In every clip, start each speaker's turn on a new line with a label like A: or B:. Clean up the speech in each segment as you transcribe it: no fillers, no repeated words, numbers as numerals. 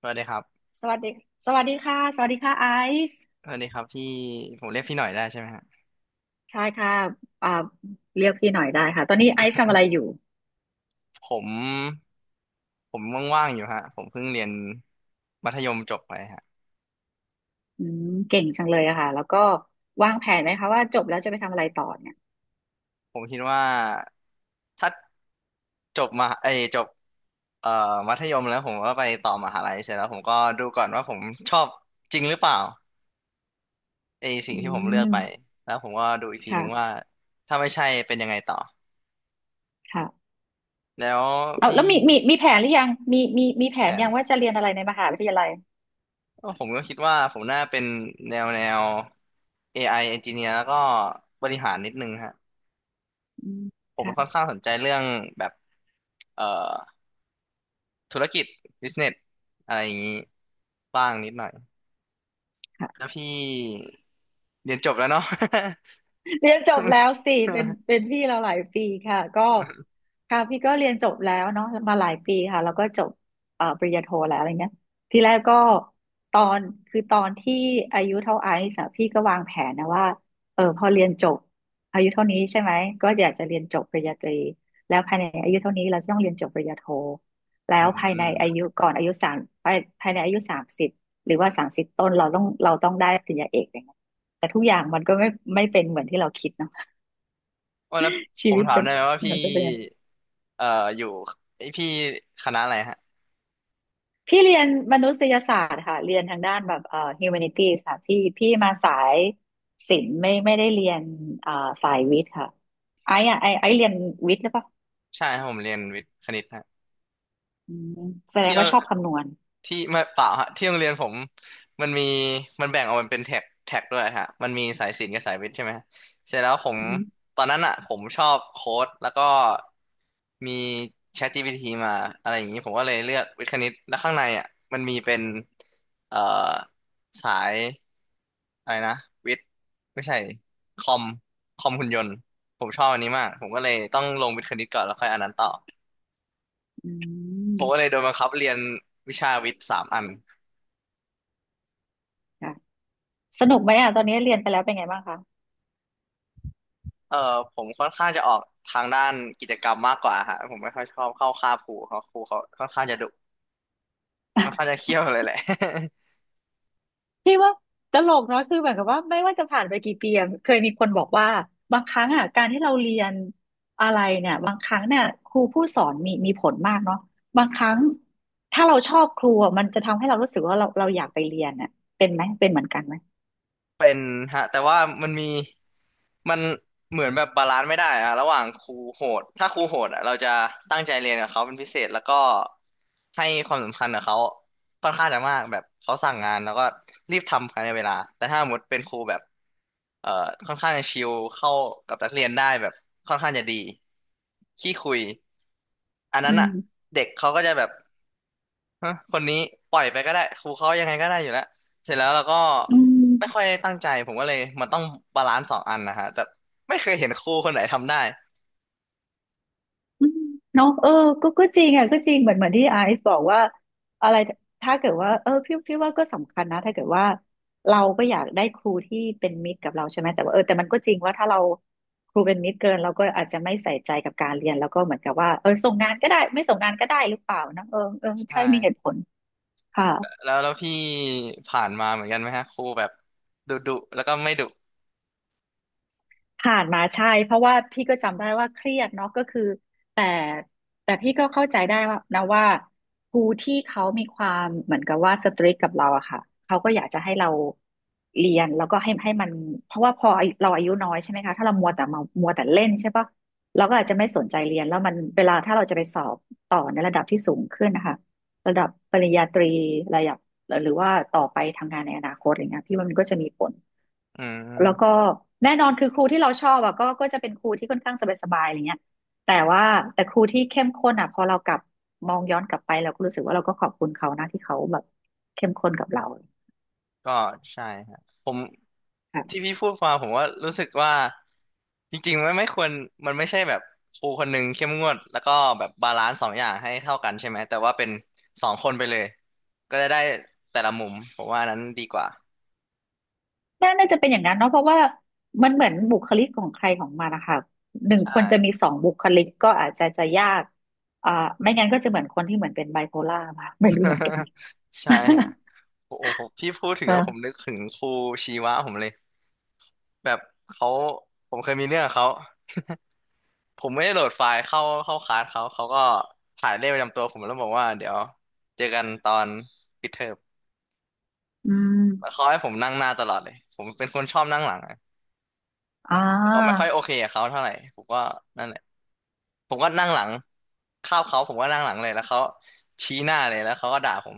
A: สวัสดีครับ
B: สวัสดีสวัสดีค่ะสวัสดีค่ะไอซ์
A: สวัสดีครับพี่ผมเรียกพี่หน่อยได้ใช่ไหมฮะ
B: ใช่ค่ะอ่าเรียกพี่หน่อยได้ค่ะตอนนี้ไอซ์ทำอะไรอยู่
A: ผมผมว่างๆอยู่ฮะผมเพิ่งเรียนมัธยมจบไปฮะ
B: เก่งจังเลยอะค่ะแล้วก็วางแผนไหมคะว่าจบแล้วจะไปทำอะไรต่อเนี่ย
A: ผมคิดว่าถ้าจบมาเอยจบเอ่อมัธยมแล้วผมก็ไปต่อมหาลัยเสร็จแล้วผมก็ดูก่อนว่าผมชอบจริงหรือเปล่าไอสิ่
B: อื
A: งที่ผมเลือ
B: ม
A: กไปแล้วผมก็ดูอีกทีนึงว่า
B: ค่ะ
A: ถ้าไม่ใช่เป็นยังไงต่อ
B: ค่ะ
A: แล้ว
B: เอา
A: พี่
B: แล้วมีแผ
A: ฮะ
B: นหรือยังมีแผ
A: แผ
B: น
A: น
B: ยังว่าจะเรียนอะไรในมหาวิทยาลัย
A: ก็ผมก็คิดว่าผมน่าเป็นแนว AI engineer แล้วก็บริหารนิดนึงฮะ
B: อืม
A: ผมค่อน
B: ค่ะ
A: ข้างสนใจเรื่องแบบเอ่อธุรกิจ business อะไรอย่างนี้บ้างนิดหน่อย
B: ค่ะ
A: แล้วพี่เรียนจบแล้วเนาะ
B: เรียนจบแล้วสิเป็นพี่เราหลายปีค่ะก็ค่ะพี่ก็เรียนจบแล้วเนาะมาหลายปีค่ะแล้วก็จบปริญญาโทแล้วอะไรเงี้ยทีแรกก็ตอนคือตอนที่อายุเท่าไอซ์อะพี่ก็วางแผนนะว่าเออพอเรียนจบอายุเท่านี้ใช่ไหมก็อยากจะเรียนจบปริญญาตรีแล้วภายในอายุเท่านี้เราจะต้องเรียนจบปริญญาโทแล้
A: อื
B: วภายใน
A: ม
B: อายุก่อนอายุสามภายในอายุสามสิบหรือว่าสามสิบต้นเราต้องได้ปริญญาเอกอย่างเงี้ย แต่ทุกอย่างมันก็ไม่เป็นเหมือนที่เราคิดเนาะ
A: โอ้แล้ว
B: ชี
A: ผม
B: วิต
A: ถาม
B: จะ
A: ได้ไหมว่าพี่
B: มันจะเป็นยังไง
A: เอ่ออยู่ไอยพี่คณะอะไรฮะ
B: พี่เรียนมนุษยศาสตร์ค่ะเรียนทางด้านแบบhumanities ค่ะพี่มาสายศิลป์ไม่ได้เรียนเอ่อสายวิทย์ค่ะไอ้อะไอ้ไอ้เรียนวิทย์หรือเปล่า
A: ใช่ครับผมเรียนวิทย์คณิตฮะ
B: อืมแสดง
A: เที่ยว
B: ว่าชอบคำนวณ
A: ที่ไม่เปล่าฮะที่โรงเรียนผมมันมีมันแบ่งออกเป็นแท็กแท็กด้วยฮะมันมีสายศิลป์กับสายวิทย์ใช่ไหมเสร็จแล้วผม
B: อือฮึ
A: ตอนนั้นอ่ะผมชอบโค้ดแล้วก็มี ChatGPT มาอะไรอย่างนี้ผมก็เลยเลือกวิทย์คณิตแล้วข้างในอ่ะมันมีเป็นเอ่อสายอะไรนะวิทย์ไม่ใช่คอมคอมหุ่นยนต์ผมชอบอันนี้มากผมก็เลยต้องลงวิทย์คณิตก่อนแล้วค่อยอันนั้นต่อ
B: อื
A: ผมก็เล
B: ม
A: ยโดนบังคับเรียนวิชาวิทย์สามอัน
B: ค่ะสนุกไหมอ่ะตอนนี้เรียนไปแล้วเป็นไงบ้างคะ
A: เออผมค่อนข้างจะออกทางด้านกิจกรรมมากกว่าฮะผมไม่ค่อยชอบเข้าค่าบครูเขาค่อนข้างจะดุค่อนข้างจะเขี่ยวเลยแหละ
B: พี่ว่าตลกเนาะคือเหมือนกับว่าไม่ว่าจะผ่านไปกี่ปีอะเคยมีคนบอกว่าบางครั้งอ่ะการที่เราเรียนอะไรเนี่ยบางครั้งเนี่ยครูผู้สอนมีผลมากเนาะบางครั้งถ้าเราชอบครูอะมันจะทำให้เรารู้สึกว่าเราอยากไปเรียนอ่ะเป็นเหมือนกันไหม
A: เป็นฮะแต่ว่ามันมีมันเหมือนแบบบาลานซ์ไม่ได้อะระหว่างครูโหดถ้าครูโหดอะเราจะตั้งใจเรียนกับเขาเป็นพิเศษแล้วก็ให้ความสำคัญกับเขาค่อนข้างจะมากแบบเขาสั่งงานแล้วก็รีบทำภายในเวลาแต่ถ้าสมมติเป็นครูแบบเอ่อค่อนข้างจะชิลเข้ากับนักเรียนได้แบบค่อนข้างจะดีขี้คุยอัน
B: อื
A: นั้นอะ
B: ม
A: เด็กเขาก็จะแบบฮะคนนี้ปล่อยไปก็ได้ครูเขายังไงก็ได้อยู่แล้วเสร็จแล้วเราก็
B: อืม
A: ไม่ค่อยได้ตั้งใจผมก็เลยมันต้องบาลานซ์สองอันนะฮะแต่ไม่เคยเห็นครูคนไหนทำได้
B: อืมเนาะเออก็จริงอ่ะก็จริงเหมือนที่ไอซ์บอกว่าอะไรถ้าเกิดว่าเออพี่ว่าก็สำคัญนะถ้าเกิดว่าเราก็อยากได้ครูที่เป็นมิตรกับเราใช่ไหมแต่ว่าเออแต่มันก็จริงว่าถ้าเราครูเป็นมิตรเกินเราก็อาจจะไม่ใส่ใจกับการเรียนแล้วก็เหมือนกับว่าเออส่งงานก็ได้ไม่ส่งงานก็ได้หรือเปล่านะเออเออ
A: ใช่
B: ใช่มีเหตุผลค่ะ
A: แล้วแล้วพี่ผ่านมาเหมือนกันไหมฮะครูแบบดุดุแล้วก็ไม่ดุ
B: ผ่านมาใช่เพราะว่าพี่ก็จำได้ว่าเครียดเนาะก็คือแต่แต่พี่ก็เข้าใจได้ว่านะว่าครูที่เขามีความเหมือนกับว่าสตริกกับเราอะค่ะเขาก็อยากจะให้เราเรียนแล้วก็ให้มันเพราะว่าพออายุเราอายุน้อยใช่ไหมคะถ้าเรามัวแต่เล่นใช่ปะเราก็อาจจะไม่สนใจเรียนแล้วมันเวลาถ้าเราจะไปสอบต่อในระดับที่สูงขึ้นนะคะระดับปริญญาตรีระดับหรือว่าต่อไปทำงานในอนาคตอะไรเงี้ยพี่ว่ามันก็จะมีผล
A: อื
B: แล้วก็
A: ม
B: แน่นอนคือครูที่เราชอบอะก็จะเป็นครูที่ค่อนข้างสบายๆอะไรเงี้ยแต่ว่าแต่ครูที่เข้มข้นอะพอเรากลับมองย้อนกลับไปเราก็รู้สึกว่าเราก็ขอบคุณเขานะที่เขาแบบเข้มข้นกับเรา
A: ก็ใช่ฮะผมที่
B: ค่ะ
A: พี่พูดมาผมว่ารู้สึกว่าจริงๆมันไม่ควรมันไม่ใช่แบบครูคนหนึ่งเข้มงวดแล้วก็แบบบาลานซ์สองอย่างให้เท่ากันใช่ไหมแต่ว่าเป็นสองคนไปเลยก็จะได้แต่ละมุมผมว่าอันนั้นดีกว่า
B: น่าจะเป็นอย่างนั้นเนาะเพราะว่ามันเหมือนบุคลิกของใครของมันนะคะหนึ่ง
A: ใช
B: คนจะมี
A: ่
B: สองบุคลิกก็อาจจะยากอ่าไม่งั้นก็จะเหมือนคนที่เหมือนเป็นไบโพล่ามาไม่รู้เหมือนกัน
A: ใช่ฮะโอ้โหผมพี่พูดถึ งแล้วผม
B: เออ
A: นึกถึงครูชีวะผมเลยแบบเขาผมเคยมีเรื่องกับเขาผมไม่ได้โหลดไฟล์เข้าคลาสเขาก็ถ่ายเลขประจำตัวผมแล้วบอกว่าเดี๋ยวเจอกันตอนปิดเทอม
B: อื
A: แล้ว
B: ม
A: เขาให้ผมนั่งหน้าตลอดเลยผมเป็นคนชอบนั่งหลังอะ
B: อ่
A: ผมก็ไม่ค่
B: า
A: อยโอเคกับเขาเท่าไหร่ผมก็นั่นแหละผมก็นั่งหลังคาบเขาผมก็นั่งหลังเลยแล้วเขาชี้หน้าเลยแล้วเขาก็ด่าผม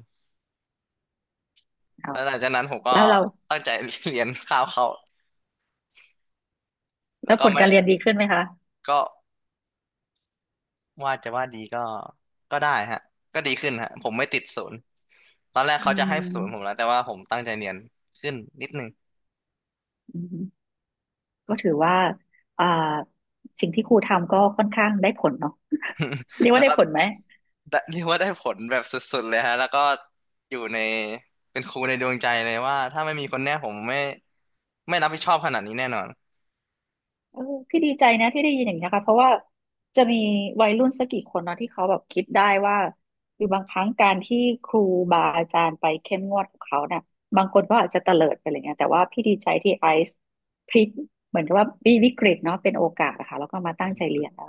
B: เอา
A: แล้วหลังจากนั้นผมก็
B: แล้วเรา
A: ตั้งใจเรียนคาบเขา
B: แล้
A: แล้ว
B: ว
A: ก็
B: ผล
A: ไม่
B: การเรียนดีขึ้นไหมคะ
A: ก็ ว่าจะว่าดีก็ก็ได้ฮะก็ดีขึ้นฮะผมไม่ติดศูนย์ตอนแรก
B: อื
A: เขาจะให้ศูนย์ผม
B: ม
A: แล้วแต่ว่าผมตั้งใจเรียนขึ้นนิดนึง
B: อืมก็ถือว่าอ่าสิ่งที่ครูทำก็ค่อนข้างได้ผลเนาะ เรีย ก
A: แล้
B: ว่า
A: ว
B: ได้
A: ก็
B: ผลไหม
A: ได้เรียกว่าได้ผลแบบสุดๆเลยฮะแล้วก็อยู่ในเป็นครูในดวงใจเลยว่าถ้าไม่มีคนเนี้ยผมไม่ไม่รับผิดชอบขนาดนี้แน่นอน
B: เออพี่ดีใจนะที่ได้ยินอย่างนี้ยค่ะเพราะว่าจะมีวัยรุ่นสักกี่คนเนาะที่เขาแบบคิดได้ว่าคือบางครั้งการที่ครูบาอาจารย์ไปเข้มงวดกับเขาเนี่ยบางคนก็อาจจะเตลิดไปอะไรเงี้ยแต่ว่าพี่ดีใจที่ไอซ์พลิกเหมือนกับว่าวิกฤตเนาะเป็นโอกาสนะคะแล้วก็มา
A: อื
B: ตั้งใจเรี
A: ม
B: ยนอ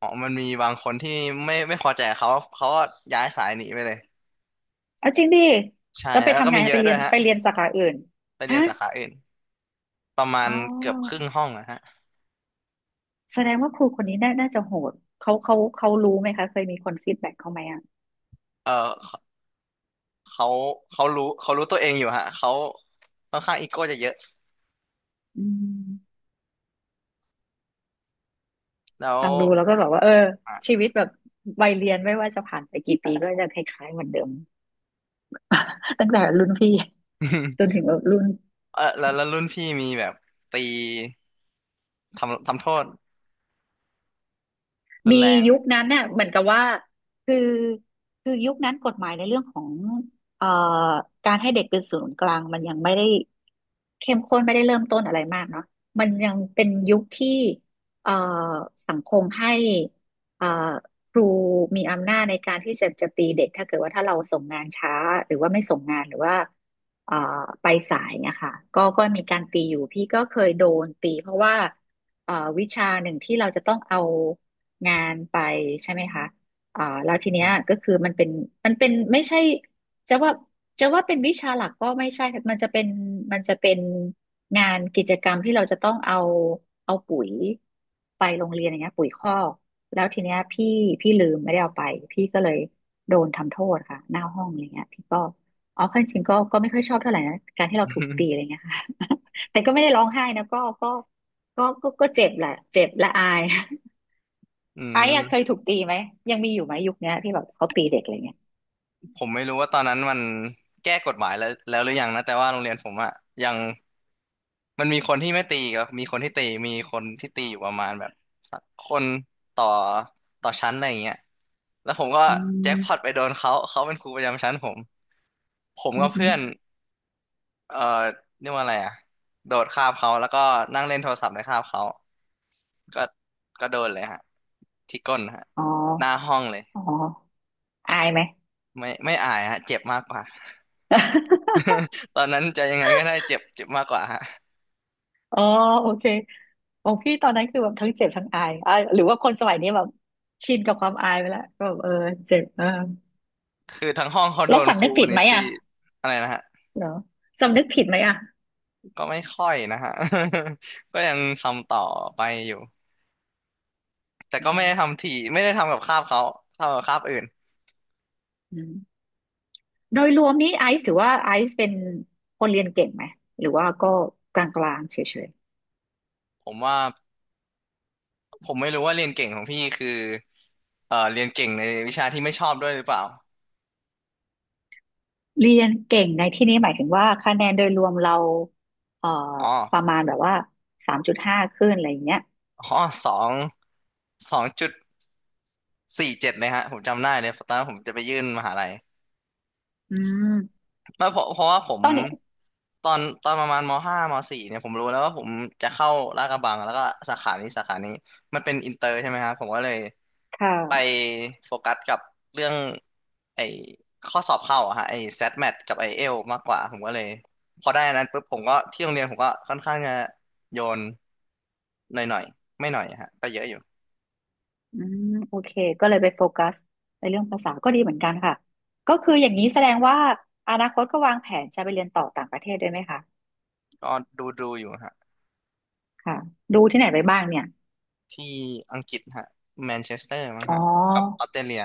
A: อ๋อมันมีบางคนที่ไม่พอใจเขาเขาก็ย้ายสายหนีไปเลย
B: เอาจริงดิ
A: ใช่
B: แล้วไป
A: แล้วก็
B: ทำไง
A: มีเย
B: ไป
A: อะ
B: เรี
A: ด้ว
B: ย
A: ย
B: น
A: ฮะ
B: ไปเรียนสาขาอื่น
A: ไปเรีย
B: ฮะ
A: นสาขาอื่นประมา
B: อ๋
A: ณ
B: อ
A: เกือบครึ่งห้องนะฮะ
B: แสดงว่าครูคนนี้น่าจะโหดเขารู้ไหมคะเคยมีคนฟีดแบ็กเขาไหมอ่ะ
A: เอ่อ เขาเขารู้ตัวเองอยู่ฮะเขาค่อนข้างอีโก้จะเยอะ
B: อืม
A: แล้ว
B: ฟังดูแล้วก็แบบว่าเออ
A: อ่ะ
B: ชีวิตแบบวัยเรียนไม่ว่าจะผ่านไปกี่ปีก็จะคล้ายๆเหมือนเดิม ตั้งแต่รุ่นพี่จน ถึงรุ่น
A: เออแล้วแล้วรุ่นพี่มีแบบตีทำโทษรุน
B: มี
A: แรง
B: ยุคนั้นเนี่ยเหมือนกับว่าคือคือยุคนั้นกฎหมายในเรื่องของเอ่อการให้เด็กเป็นศูนย์กลางมันยังไม่ได้เข้มข้นไม่ได้เริ่มต้นอะไรมากเนาะมันยังเป็นยุคที่เอ่อสังคมให้เอ่อครูมีอำนาจในการที่จะตีเด็กถ้าเกิดว่าถ้าเราส่งงานช้าหรือว่าไม่ส่งงานหรือว่าเอ่อไปสายเนี่ยค่ะก็มีการตีอยู่พี่ก็เคยโดนตีเพราะว่าเอ่อวิชาหนึ่งที่เราจะต้องเอา งานไปใช่ไหมคะแล้วทีเนี้ย
A: ฮะ
B: ก็คือมันเป็นไม่ใช่จะว่าจะว่าเป็นวิชาหลักก็ไม่ใช่ค่ะมันจะเป็นงานกิจกรรมที่เราจะต้องเอาเอาปุ๋ยไปโรงเรียนอย่างเงี้ยปุ๋ยคอกแล้วทีเนี้ยพี่ลืมไม่ได้เอาไปพี่ก็เลยโดนทำโทษค่ะหน้าห้องอะไรเงี้ยพี่ก็อ๋อข้จริงๆก็ไม่ค่อยชอบเท่าไหร่นะการที่เราถูกตีอะไร เงี้ยค่ะ แต่ก็ไม่ได้ร้องไห้นะก็เจ็บแหละเจ็บและอาย
A: อื
B: ไอ้
A: ม
B: อะเคยถูกตีไหมยังมีอยู่ไหมยุคเนี้ยที่แบบเขาตีเด็กอะไรเงี้ย
A: ผมไม่รู้ว่าตอนนั้นมันแก้กฎหมายแล้วหรือยังนะแต่ว่าโรงเรียนผมอะยังมันมีคนที่ไม่ตีก็มีคนที่ตีมีคนที่ตีอยู่ประมาณแบบสักคนต่อต่อชั้นอะไรอย่างเงี้ยแล้วผมก็
B: อื
A: แจ็คพอตไป
B: ม
A: โดนเขาเขาเป็นครูประจำชั้นผมผม
B: อื
A: กั
B: ม
A: บ
B: อห
A: เพื่อน
B: อ
A: เอ่อเรียกว่าอะไรอ่ะโดดคาบเขาแล้วก็นั่งเล่นโทรศัพท์ในคาบเขาก็ก็โดนเลยฮะที่ก้นฮะ
B: อ๋อ
A: หน้าห้องเลย
B: อ๋ออายไหม
A: ไม่อายฮะเจ็บมากกว่า ตอนนั้นจะยังไงก็ได้เจ็บเจ็บมากกว่าฮะ
B: อ๋อโอเคของพี่ตอนนั้นคือแบบทั้งเจ็บทั้งอายอ่ะหรือว่าคนสมัยนี้แบบชินกับความอายไปแล้วก็แบบเออเจ็บเออ
A: คือทั้งห้องเขาโด
B: แล้ว
A: นค
B: สำนึ
A: รู
B: ก
A: ค
B: ผิ
A: น
B: ด
A: นี้
B: ไหม
A: ตี
B: อ่ะ
A: อะไรนะฮะ
B: เหรอสำนึกผิดไหมอ่ะ
A: ก็ไม่ค่อยนะฮะ ก็ยังทำต่อไปอยู่แต่
B: อื
A: ก็ไม่ได้
B: ม
A: ทำถี่ไม่ได้ทำกับคาบเขาทำกับคาบอื่น
B: อืมโดยรวมนี้ไอซ์ถือว่าไอซ์เป็นคนเรียนเก่งไหมหรือว่าก็กลางๆเฉย
A: ผมว่าผมไม่รู้ว่าเรียนเก่งของพี่คือเรียนเก่งในวิชาที่ไม่ชอบด้วยหรือเปล่า
B: เรียนเก่งในที่นี้หมายถึงว่าคะแนนโดยรวมเราเอ่อ
A: อ๋อ
B: ประมาณแบบว่า3.5ขึ้นอะไรอย่างเงี้ย
A: อ๋อสองสองจุดสี่เจ็ดเลยฮะผมจำได้เลย ตอนนั้นผมจะไปยื่นมหาลัย
B: อืม
A: ไม่เพราะว่าผม
B: ตอนเนี้ย
A: ตอนประมาณมห้ามสี่เนี่ยผมรู้แล้วว่าผมจะเข้าลาดกระบังแล้วก็สาขานี้มันเป็นอินเตอร์ใช่ไหมครับ ผมก็เลย
B: ค
A: ไป
B: ่ะ
A: โฟกัสกับเรื่องไอ้ข้อสอบเข้าอะฮะไอ้ SAT MAT กับไอ้เอลมากกว่าผมก็เลยพอได้อันนั้นปุ๊บผมก็ที่โรงเรียนผมก็ค่อนข้างจะโยนหน่อยๆไม่หน่อยอะฮะก็เยอะอยู่
B: อืมโอเค ก็เลยไปโฟกัสในเรื่องภาษาก็ดีเหมือนกันค่ะ ก็คืออย่างนี้แสดงว่าอนาคตก็วางแผนจะไปเรียนต่อต่างประเทศด้วยไหมคะ
A: ก็ดูอยู่ฮะ
B: ค่ะ ดูที่ไหนไปบ้างเนี่ย
A: ที่อังกฤษฮะแมนเชสเตอร์มั้ง
B: อ๋อ
A: ฮะกับออสเตรเลีย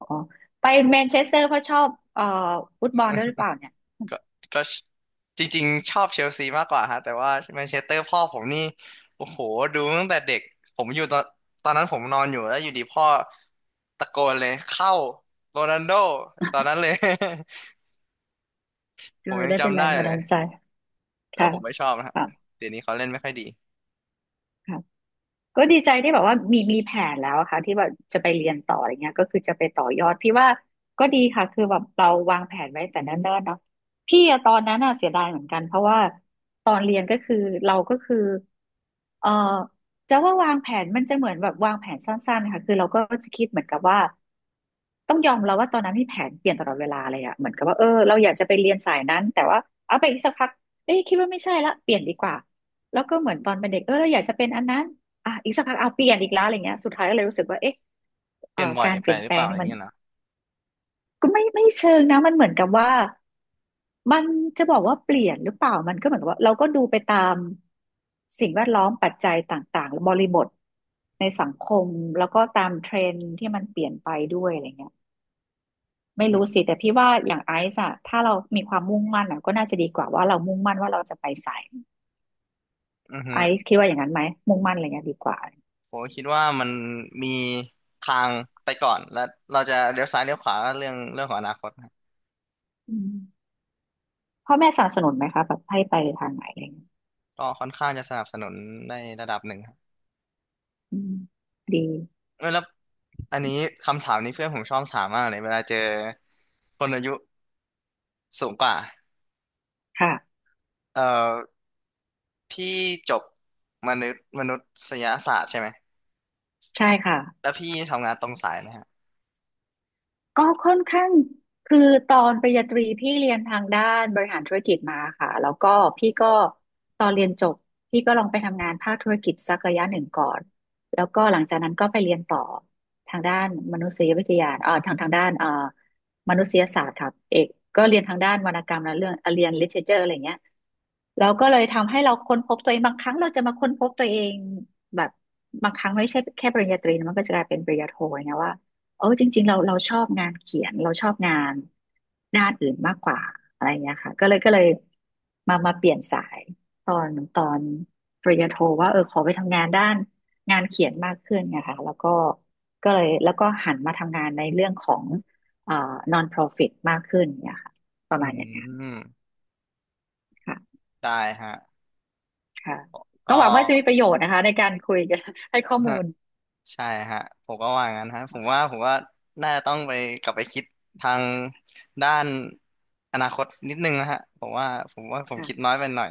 B: อ๋อไปแมนเชสเตอร์เพราะชอบฟุตบอลด้วยหรือเปล่าเนี่ย
A: ก็ก็จริงๆชอบเชลซีมากกว่าฮะแต่ว่าแมนเชสเตอร์พ่อผมนี่โอ้โหดูตั้งแต่เด็กผมอยู่ตอนนั้นผมนอนอยู่แล้วอยู่ดีพ่อตะโกนเลยเข้าโรนัลโดตอนนั้นเลย ผ
B: ก็
A: ม
B: เลย
A: ยัง
B: ได้เป็น
A: จำ
B: แร
A: ได้
B: งบัน
A: เล
B: ดา
A: ย
B: ลใจ
A: แต่
B: ค่ะ
A: ว่าผมไม่ชอบนะฮะ
B: ค่ะ
A: เดี๋ยวนี้เขาเล่นไม่ค่อยดี
B: ค่ะ ก็ดีใจที่แบบว่ามีแผนแล้วอะค่ะที่ว่าจะไปเรียนต่ออะไรเงี้ยก็คือจะไปต่อยอดพี่ว่าก็ดีค่ะคือแบบเราวางแผนไว้แต่เนิ่นๆเนาะพี่อะตอนนั้นอะเสียดายเหมือนกันเพราะว่าตอนเรียนก็คือเราก็คือเอ่อจะว่าวางแผนมันจะเหมือนแบบวางแผนสั้นๆค่ะคือเราก็จะคิดเหมือนกับว่าต้องยอมเราว่าตอนนั้นที่แผนเปลี่ยนตลอดเวลาเลยอะเหมือนกับว่าเออเราอยากจะไปเรียนสายนั้นแต่ว่าเอาไปอีกสักพักเอ้ยคิดว่าไม่ใช่ละเปลี่ยนดีกว่าแล้วก็เหมือนตอนเป็นเด็กเออเราอยากจะเป็นอันนั้น อ่ะอีกสักพักเอาเปลี่ยนอีกแล้วอะไรเงี้ยสุดท้ายก็เลยรู้สึกว่าเอ๊ะ
A: เปลี่ยนบ่อย
B: การเป
A: ไป
B: ลี่ยน
A: หรื
B: แป
A: อ
B: ล
A: เป
B: ง
A: ล่าอะ
B: เนี่
A: ไร
B: ยมัน
A: เงี้ยนะ
B: ก็ไม่เชิงนะมันเหมือนกับว่ามันจะบอกว่าเปลี่ยนหรือเปล่ามันก็เหมือนกับว่าเราก็ดูไปตามสิ่งแวดล้อมปัจจัยต่างๆบริบทในสังคมแล้วก็ตามเทรนด์ที่มันเปลี่ยนไปด้วยอะไรเงี้ยไม่รู้สิแต่พี่ว่าอย่างไอซ์อะถ้าเรามีความมุ่งมั่นอะก็น่าจะดีกว่าว่าเรามุ่งมั่นว่าเราจะไปสาย
A: อือฮึ
B: ไอซ์คิดว่าอย่างนั้นไหมมุ่งมั่นอะไรเงี้ยดีกว่า
A: ผมคิดว่ามันมีทางไปก่อนและเราจะเลี้ยวซ้ายเลี้ยวขวาก็เรื่องของอนาคตครับ
B: อืม พ่อแม่สนับสนุนไหมคะแบบให้ไปทางไหนอะไรเงี้ย
A: ก็ค่อนข้างจะสนับสนุนในระดับหนึ่งครับ
B: อืมดี
A: เออแล้วอันนี้คำถามนี้เพื่อนผมชอบถามมากเลยเวลาเจอคนอายุสูงกว่า
B: ค่ะ
A: เอ่อพี่จบมนุษยศาสตร์ใช่ไหม
B: ใช่ค่ะ
A: แล้วพี่ทำงานตรงสายไหมฮะ
B: ก็ค่อนข้างคือตอนปริญญาตรีพี่เรียนทางด้านบริหารธุรกิจมาค่ะแล้วก็พี่ก็ตอนเรียนจบพี่ก็ลองไปทำงานภาคธุรกิจสักระยะหนึ่งก่อนแล้วก็หลังจากนั้นก็ไปเรียนต่อทางด้านมนุษยวิทยาทางด้านมนุษยศาสตร์ครับเอกก็เรียนทางด้านวรรณกรรมและเรื่องเรียน literature อะไรเงี้ยเราก็เลยทำให้เราค้นพบตัวเองบางครั้งเราจะมาค้นพบตัวเองแบบบางครั้งไม่ใช่แค่ปริญญาตรีนะมันก็จะกลายเป็นปริญญาโทอย่างเงี้ยว่า เออจริงๆเราชอบงานเขียนเราชอบงานด้านอื่นมากกว่าอะไรเงี้ยค่ะก็เลยมาเปลี่ยนสายตอนปริญญาโทว่าเออขอไปทำงานด้านงานเขียนมากขึ้นไงค่ะแล้วก็ก็เลยแล้วก็หันมาทำงานในเรื่องของเอ่อ non-profit มากขึ้นเนี่ยค่ะประ
A: อื
B: มาณอย่างนั้น
A: ม
B: ค่ะ
A: ได้ฮะ
B: ค่ะก็
A: ก็
B: หวังว่าจะมีประโยชน์นะคะในการคุยกันให้ข้อมู ล
A: ใช่ฮะผมก็ว่างั้นฮะผมว่าน่าจะต้องไปกลับไปคิดทางด้านอนาคตนิดนึงนะฮะผมว่าผมคิดน้
B: ค่ะ
A: อยไปหน่อย